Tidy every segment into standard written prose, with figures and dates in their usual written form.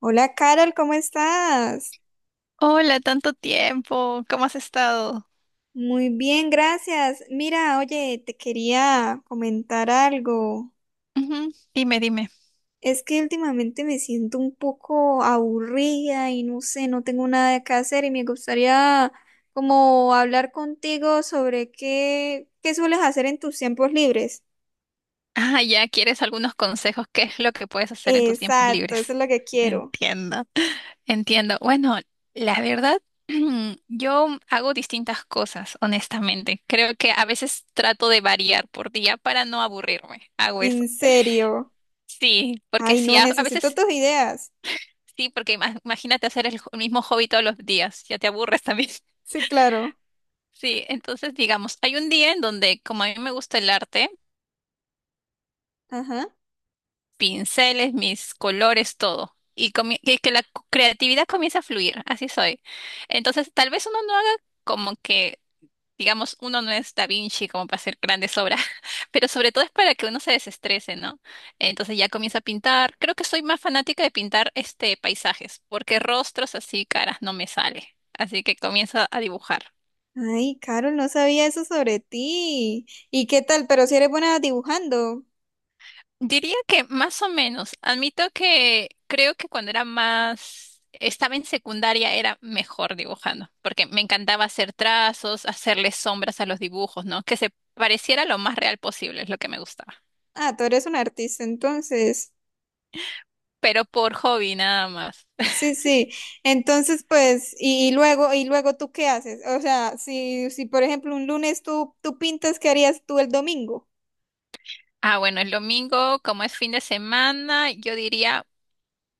Hola Carol, ¿cómo estás? Hola, tanto tiempo. ¿Cómo has estado? Muy bien, gracias. Mira, oye, te quería comentar algo. Ujú, dime. Es que últimamente me siento un poco aburrida y no sé, no tengo nada que hacer y me gustaría como hablar contigo sobre qué sueles hacer en tus tiempos libres. Ah, ya quieres algunos consejos. ¿Qué es lo que puedes hacer en tus tiempos Exacto, eso es libres? lo que quiero. Entiendo. Entiendo. Bueno, la verdad, yo hago distintas cosas, honestamente. Creo que a veces trato de variar por día para no aburrirme. Hago eso. ¿En serio? Sí, porque Ay, si no, a, a necesito veces, tus ideas. sí, porque imagínate hacer el mismo hobby todos los días, ya te aburres también. Sí, claro. Sí, entonces digamos, hay un día en donde como a mí me gusta el arte, Ajá. pinceles, mis colores, todo. Y que la creatividad comienza a fluir, así soy. Entonces, tal vez uno no haga como que, digamos, uno no es Da Vinci como para hacer grandes obras, pero sobre todo es para que uno se desestrese, ¿no? Entonces ya comienza a pintar. Creo que soy más fanática de pintar este paisajes, porque rostros así, caras, no me sale. Así que comienzo a dibujar. Ay, Carol, no sabía eso sobre ti. ¿Y qué tal? Pero si eres buena dibujando. Diría que más o menos. Admito que creo que cuando era más, estaba en secundaria era mejor dibujando, porque me encantaba hacer trazos, hacerle sombras a los dibujos, ¿no? Que se pareciera lo más real posible, es lo que me gustaba. Ah, tú eres un artista, entonces. Pero por hobby nada más. Sí, sí. Entonces, pues, y luego tú ¿qué haces? O sea, si por ejemplo un lunes tú pintas, ¿qué harías tú el domingo? Ah, bueno, el domingo, como es fin de semana, yo diría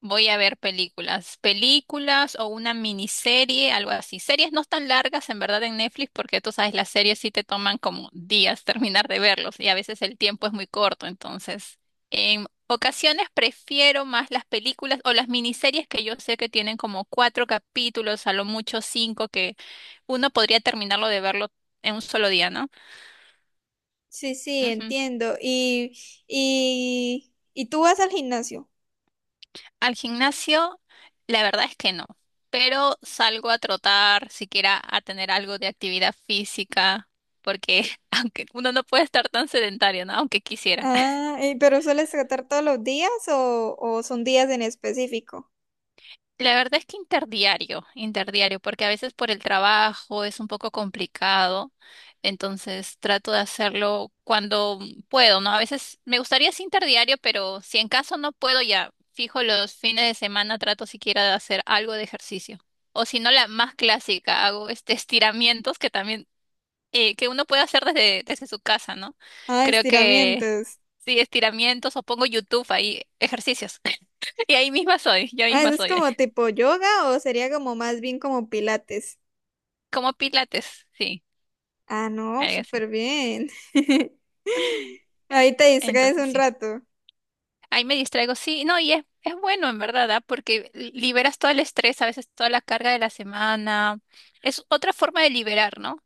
voy a ver películas, películas o una miniserie, algo así. Series no tan largas en verdad en Netflix porque tú sabes, las series sí te toman como días terminar de verlos y a veces el tiempo es muy corto. Entonces, en ocasiones prefiero más las películas o las miniseries que yo sé que tienen como cuatro capítulos, a lo mucho cinco, que uno podría terminarlo de verlo en un solo día, ¿no? Sí, sí, entiendo. Y tú ¿vas al gimnasio? Al gimnasio, la verdad es que no, pero salgo a trotar, siquiera a tener algo de actividad física, porque aunque uno no puede estar tan sedentario, ¿no? Aunque quisiera. Ah, y ¿pero sueles tratar todos los días o son días en específico? La verdad es que interdiario, porque a veces por el trabajo es un poco complicado, entonces trato de hacerlo cuando puedo, ¿no? A veces me gustaría sí interdiario, pero si en caso no puedo ya fijo los fines de semana, trato siquiera de hacer algo de ejercicio. O si no, la más clásica, hago este estiramientos que también, que uno puede hacer desde su casa, ¿no? Ah, Creo que estiramientos. sí, estiramientos o pongo YouTube ahí, ejercicios. Y ahí misma soy, yo Ah, misma ¿eso es soy. como tipo yoga o sería como más bien como pilates? Como pilates, sí, Ah, no, algo así. súper bien. Eh, Ahí te distraes Entonces un sí, rato. ahí me distraigo, sí, no, es bueno en verdad, ¿ah? Porque liberas todo el estrés, a veces toda la carga de la semana, es otra forma de liberar, ¿no?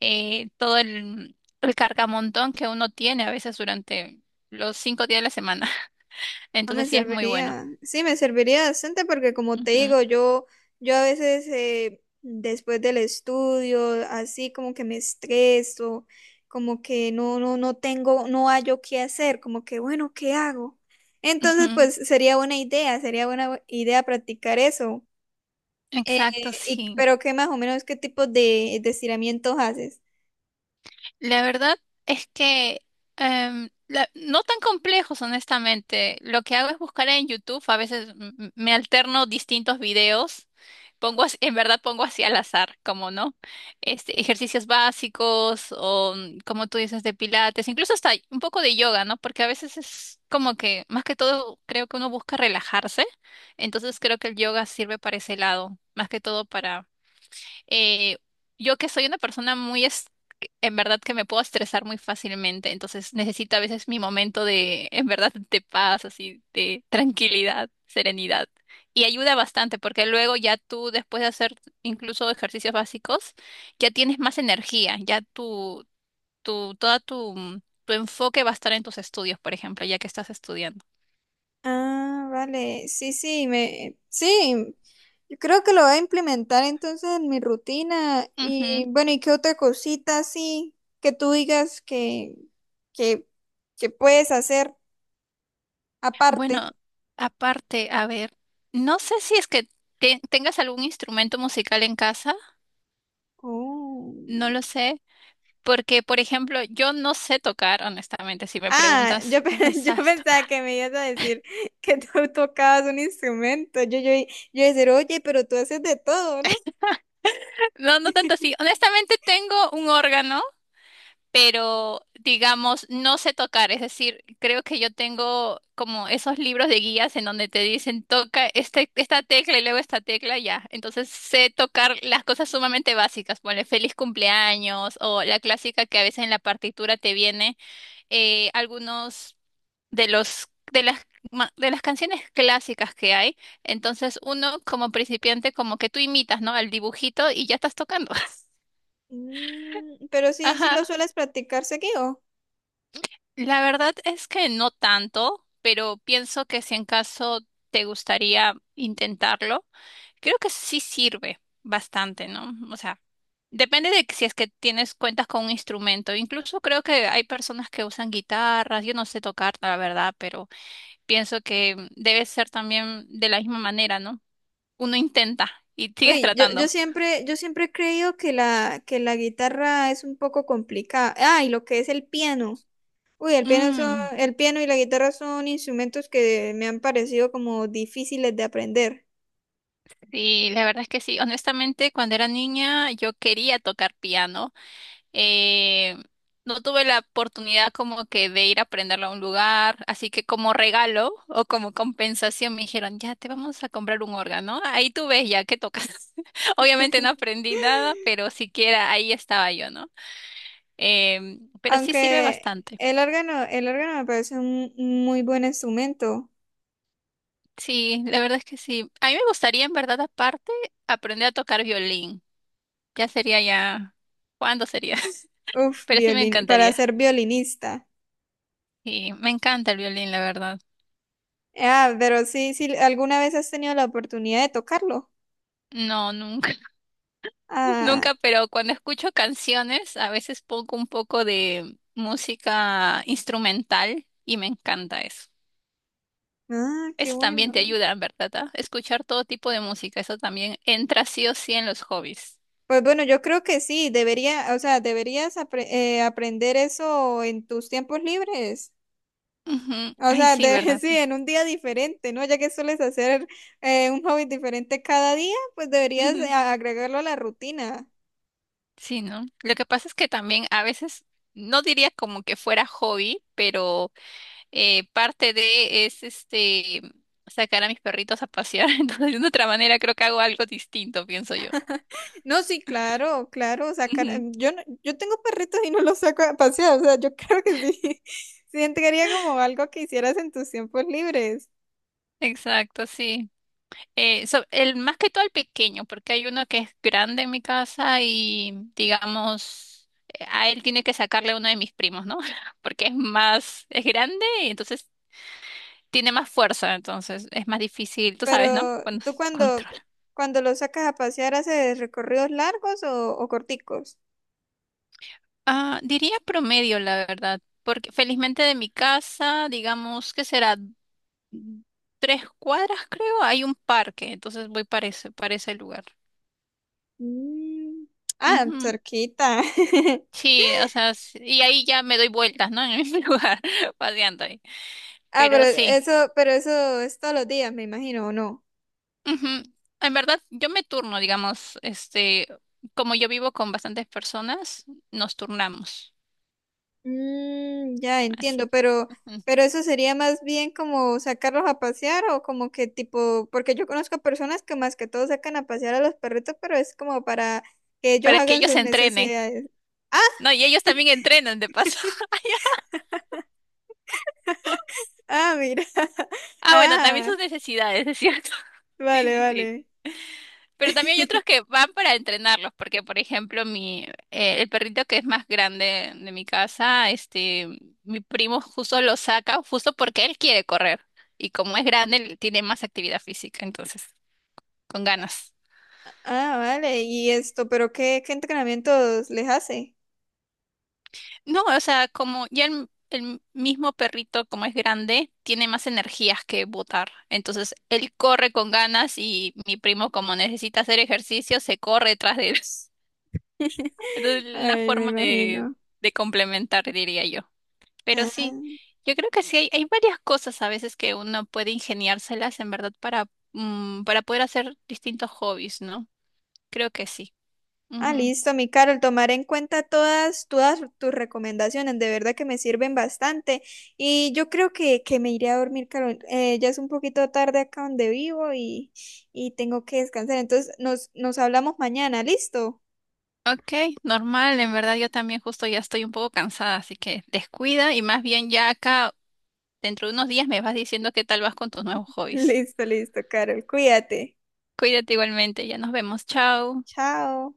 Todo el cargamontón que uno tiene a veces durante los 5 días de la semana, No me entonces sí es muy bueno. serviría. Sí, me serviría bastante porque como te Ujú, digo, yo a veces después del estudio, así como que me estreso, como que no tengo, no hallo qué hacer, como que bueno, ¿qué hago? Entonces, ujú. pues sería buena idea practicar eso. Eh, Exacto, y, sí. pero qué más o menos, qué tipo de estiramientos haces. La verdad es que no tan complejos, honestamente. Lo que hago es buscar en YouTube, a veces me alterno distintos videos. En verdad pongo así al azar, como no, este, ejercicios básicos o mm, como tú dices de pilates, incluso hasta un poco de yoga, ¿no? Porque a veces es como que más que todo creo que uno busca relajarse, entonces creo que el yoga sirve para ese lado, más que todo eh, yo que soy una persona muy, en verdad que me puedo estresar muy fácilmente, entonces necesito a veces mi momento de, en verdad, de paz, así, de tranquilidad, serenidad. Y ayuda bastante porque luego ya tú, después de hacer incluso ejercicios básicos, ya tienes más energía, toda tu, mm, tu enfoque va a estar en tus estudios, por ejemplo, ya que estás estudiando. Ah, vale. Sí, sí, me, sí. Yo creo que lo voy a implementar entonces en mi rutina. Y Ujú. bueno, ¿y qué otra cosita así que tú digas que, que puedes hacer aparte? Bueno, aparte, a ver, no sé si es que tengas algún instrumento musical en casa. Oh. No lo sé, porque por ejemplo, yo no sé tocar, honestamente, si me Ah, preguntas, yo, "Pero yo ¿sabes tocar? pensaba que me ibas a decir que tú tocabas un instrumento. Yo iba a decir, oye, pero tú haces de todo, ¿no? No, no tanto así. Honestamente tengo un órgano, pero digamos, no sé tocar, es decir, creo que yo tengo como esos libros de guías en donde te dicen toca este, esta tecla y luego esta tecla, ya. Entonces sé tocar las cosas sumamente básicas, ponle feliz cumpleaños o la clásica que a veces en la partitura te viene algunos de los de las de las canciones clásicas que hay, entonces uno como principiante como que tú imitas, ¿no? Al dibujito y ya estás tocando. Mm, pero sí, sí Ajá. lo sueles practicar seguido. La verdad es que no tanto, pero pienso que si en caso te gustaría intentarlo, creo que sí sirve bastante, ¿no? O sea, depende de que si es que tienes cuentas con un instrumento. Incluso creo que hay personas que usan guitarras, yo no sé tocar, la verdad, pero pienso que debe ser también de la misma manera, ¿no? Uno intenta y sigues Uy, yo, tratando. yo siempre, yo siempre he creído que la guitarra es un poco complicada. Ah, y lo que es el piano. Uy, el piano son, Mm, el piano y la guitarra son instrumentos que me han parecido como difíciles de aprender. sí, la verdad es que sí. Honestamente, cuando era niña yo quería tocar piano. Eh, no tuve la oportunidad como que de ir a aprenderlo a un lugar, así que como regalo o como compensación me dijeron, ya te vamos a comprar un órgano. Ahí tú ves ya que tocas. Obviamente no aprendí nada, pero siquiera ahí estaba yo, ¿no? Pero sí sirve Aunque bastante. El órgano me parece un muy buen instrumento. Sí, la verdad es que sí. A mí me gustaría en verdad aparte aprender a tocar violín. Ya sería ya. ¿Cuándo sería? Uf, Pero sí me violin, para encantaría. ser violinista. Y me encanta el violín, la verdad. Ah, pero sí, sí, ¿alguna vez has tenido la oportunidad de tocarlo? No, nunca, Ah, nunca, pero cuando escucho canciones, a veces pongo un poco de música instrumental y me encanta eso. ah, qué Eso también te bueno. ayuda, ¿verdad? ¿Ah? Escuchar todo tipo de música, eso también entra sí o sí en los hobbies. Pues bueno, yo creo que sí, debería, o sea, deberías aprender eso en tus tiempos libres. Ujú. O Ay, sea, sí, ¿verdad? sí, en un día diferente, ¿no? Ya que sueles hacer un hobby diferente cada día, pues deberías Ujú. agregarlo a la rutina. Sí, ¿no? Lo que pasa es que también a veces, no diría como que fuera hobby, pero parte de es este sacar a mis perritos a pasear. Entonces, de otra manera, creo que hago algo distinto, pienso yo. No, sí, claro, claro, sacar, Ujú, yo yo tengo perritos y no los saco a pasear, o sea, yo creo que sí, sí, entraría como algo que hicieras en tus tiempos libres. exacto, sí. El, más que todo el pequeño, porque hay uno que es grande en mi casa y, digamos, a él tiene que sacarle uno de mis primos, ¿no? Porque es más, es grande y entonces tiene más fuerza, entonces es más difícil, tú sabes, ¿no? Pero Cuando tú se cuando, controla. cuando los sacas a pasear, ¿haces recorridos largos o corticos? Ah, diría promedio, la verdad, porque felizmente de mi casa, digamos que será mm, 3 cuadras, creo, hay un parque, entonces voy para para ese lugar. Mm. Ah, Ujú. cerquita. Sí, o sea, y ahí ya me doy vueltas, ¿no? En el mismo lugar, paseando ahí. Ah, pero Pero sí, eso, pero eso es todos los días, me imagino, ¿o no? ujú. En verdad, yo me turno, digamos, este, como yo vivo con bastantes personas, nos turnamos, Mm, ya entiendo, así, ujú. pero eso sería más bien como sacarlos a pasear o como que tipo, porque yo conozco personas que más que todo sacan a pasear a los perritos, pero es como para que ellos Para que hagan ellos sus se entrenen. necesidades. Ah, No, y ellos también entrenan, de paso. ah, mira. Ah, bueno, también Ah, sus necesidades, es cierto. Sí, vale, sí, sí. vale. Pero también hay otros que van para entrenarlos, porque por ejemplo, mi, el perrito que es más grande de mi casa, este, mi primo justo lo saca, justo porque él quiere correr. Y como es grande, él tiene más actividad física, entonces, con ganas. Ah, vale. Y esto, pero ¿qué entrenamientos les hace? No, o sea, como ya el mismo perrito, como es grande, tiene más energías que botar. Entonces, él corre con ganas y mi primo, como necesita hacer ejercicio, se corre detrás de él. Entonces, una Ay, me forma imagino. de complementar, diría yo. Pero sí, Ah, yo creo que sí hay varias cosas a veces que uno puede ingeniárselas en verdad para, mm, para poder hacer distintos hobbies, ¿no? Creo que sí. ah, Ujú. listo, mi Carol, tomaré en cuenta todas, todas tus recomendaciones, de verdad que me sirven bastante. Y yo creo que me iré a dormir, Carol. Ya es un poquito tarde acá donde vivo y tengo que descansar. Entonces, nos hablamos mañana, ¿listo? Ok, normal, en verdad yo también justo ya estoy un poco cansada, así que descuida y más bien ya acá dentro de unos días me vas diciendo qué tal vas con tus nuevos hobbies. Listo, listo, Carol, cuídate. Cuídate igualmente, ya nos vemos, chao. Chao.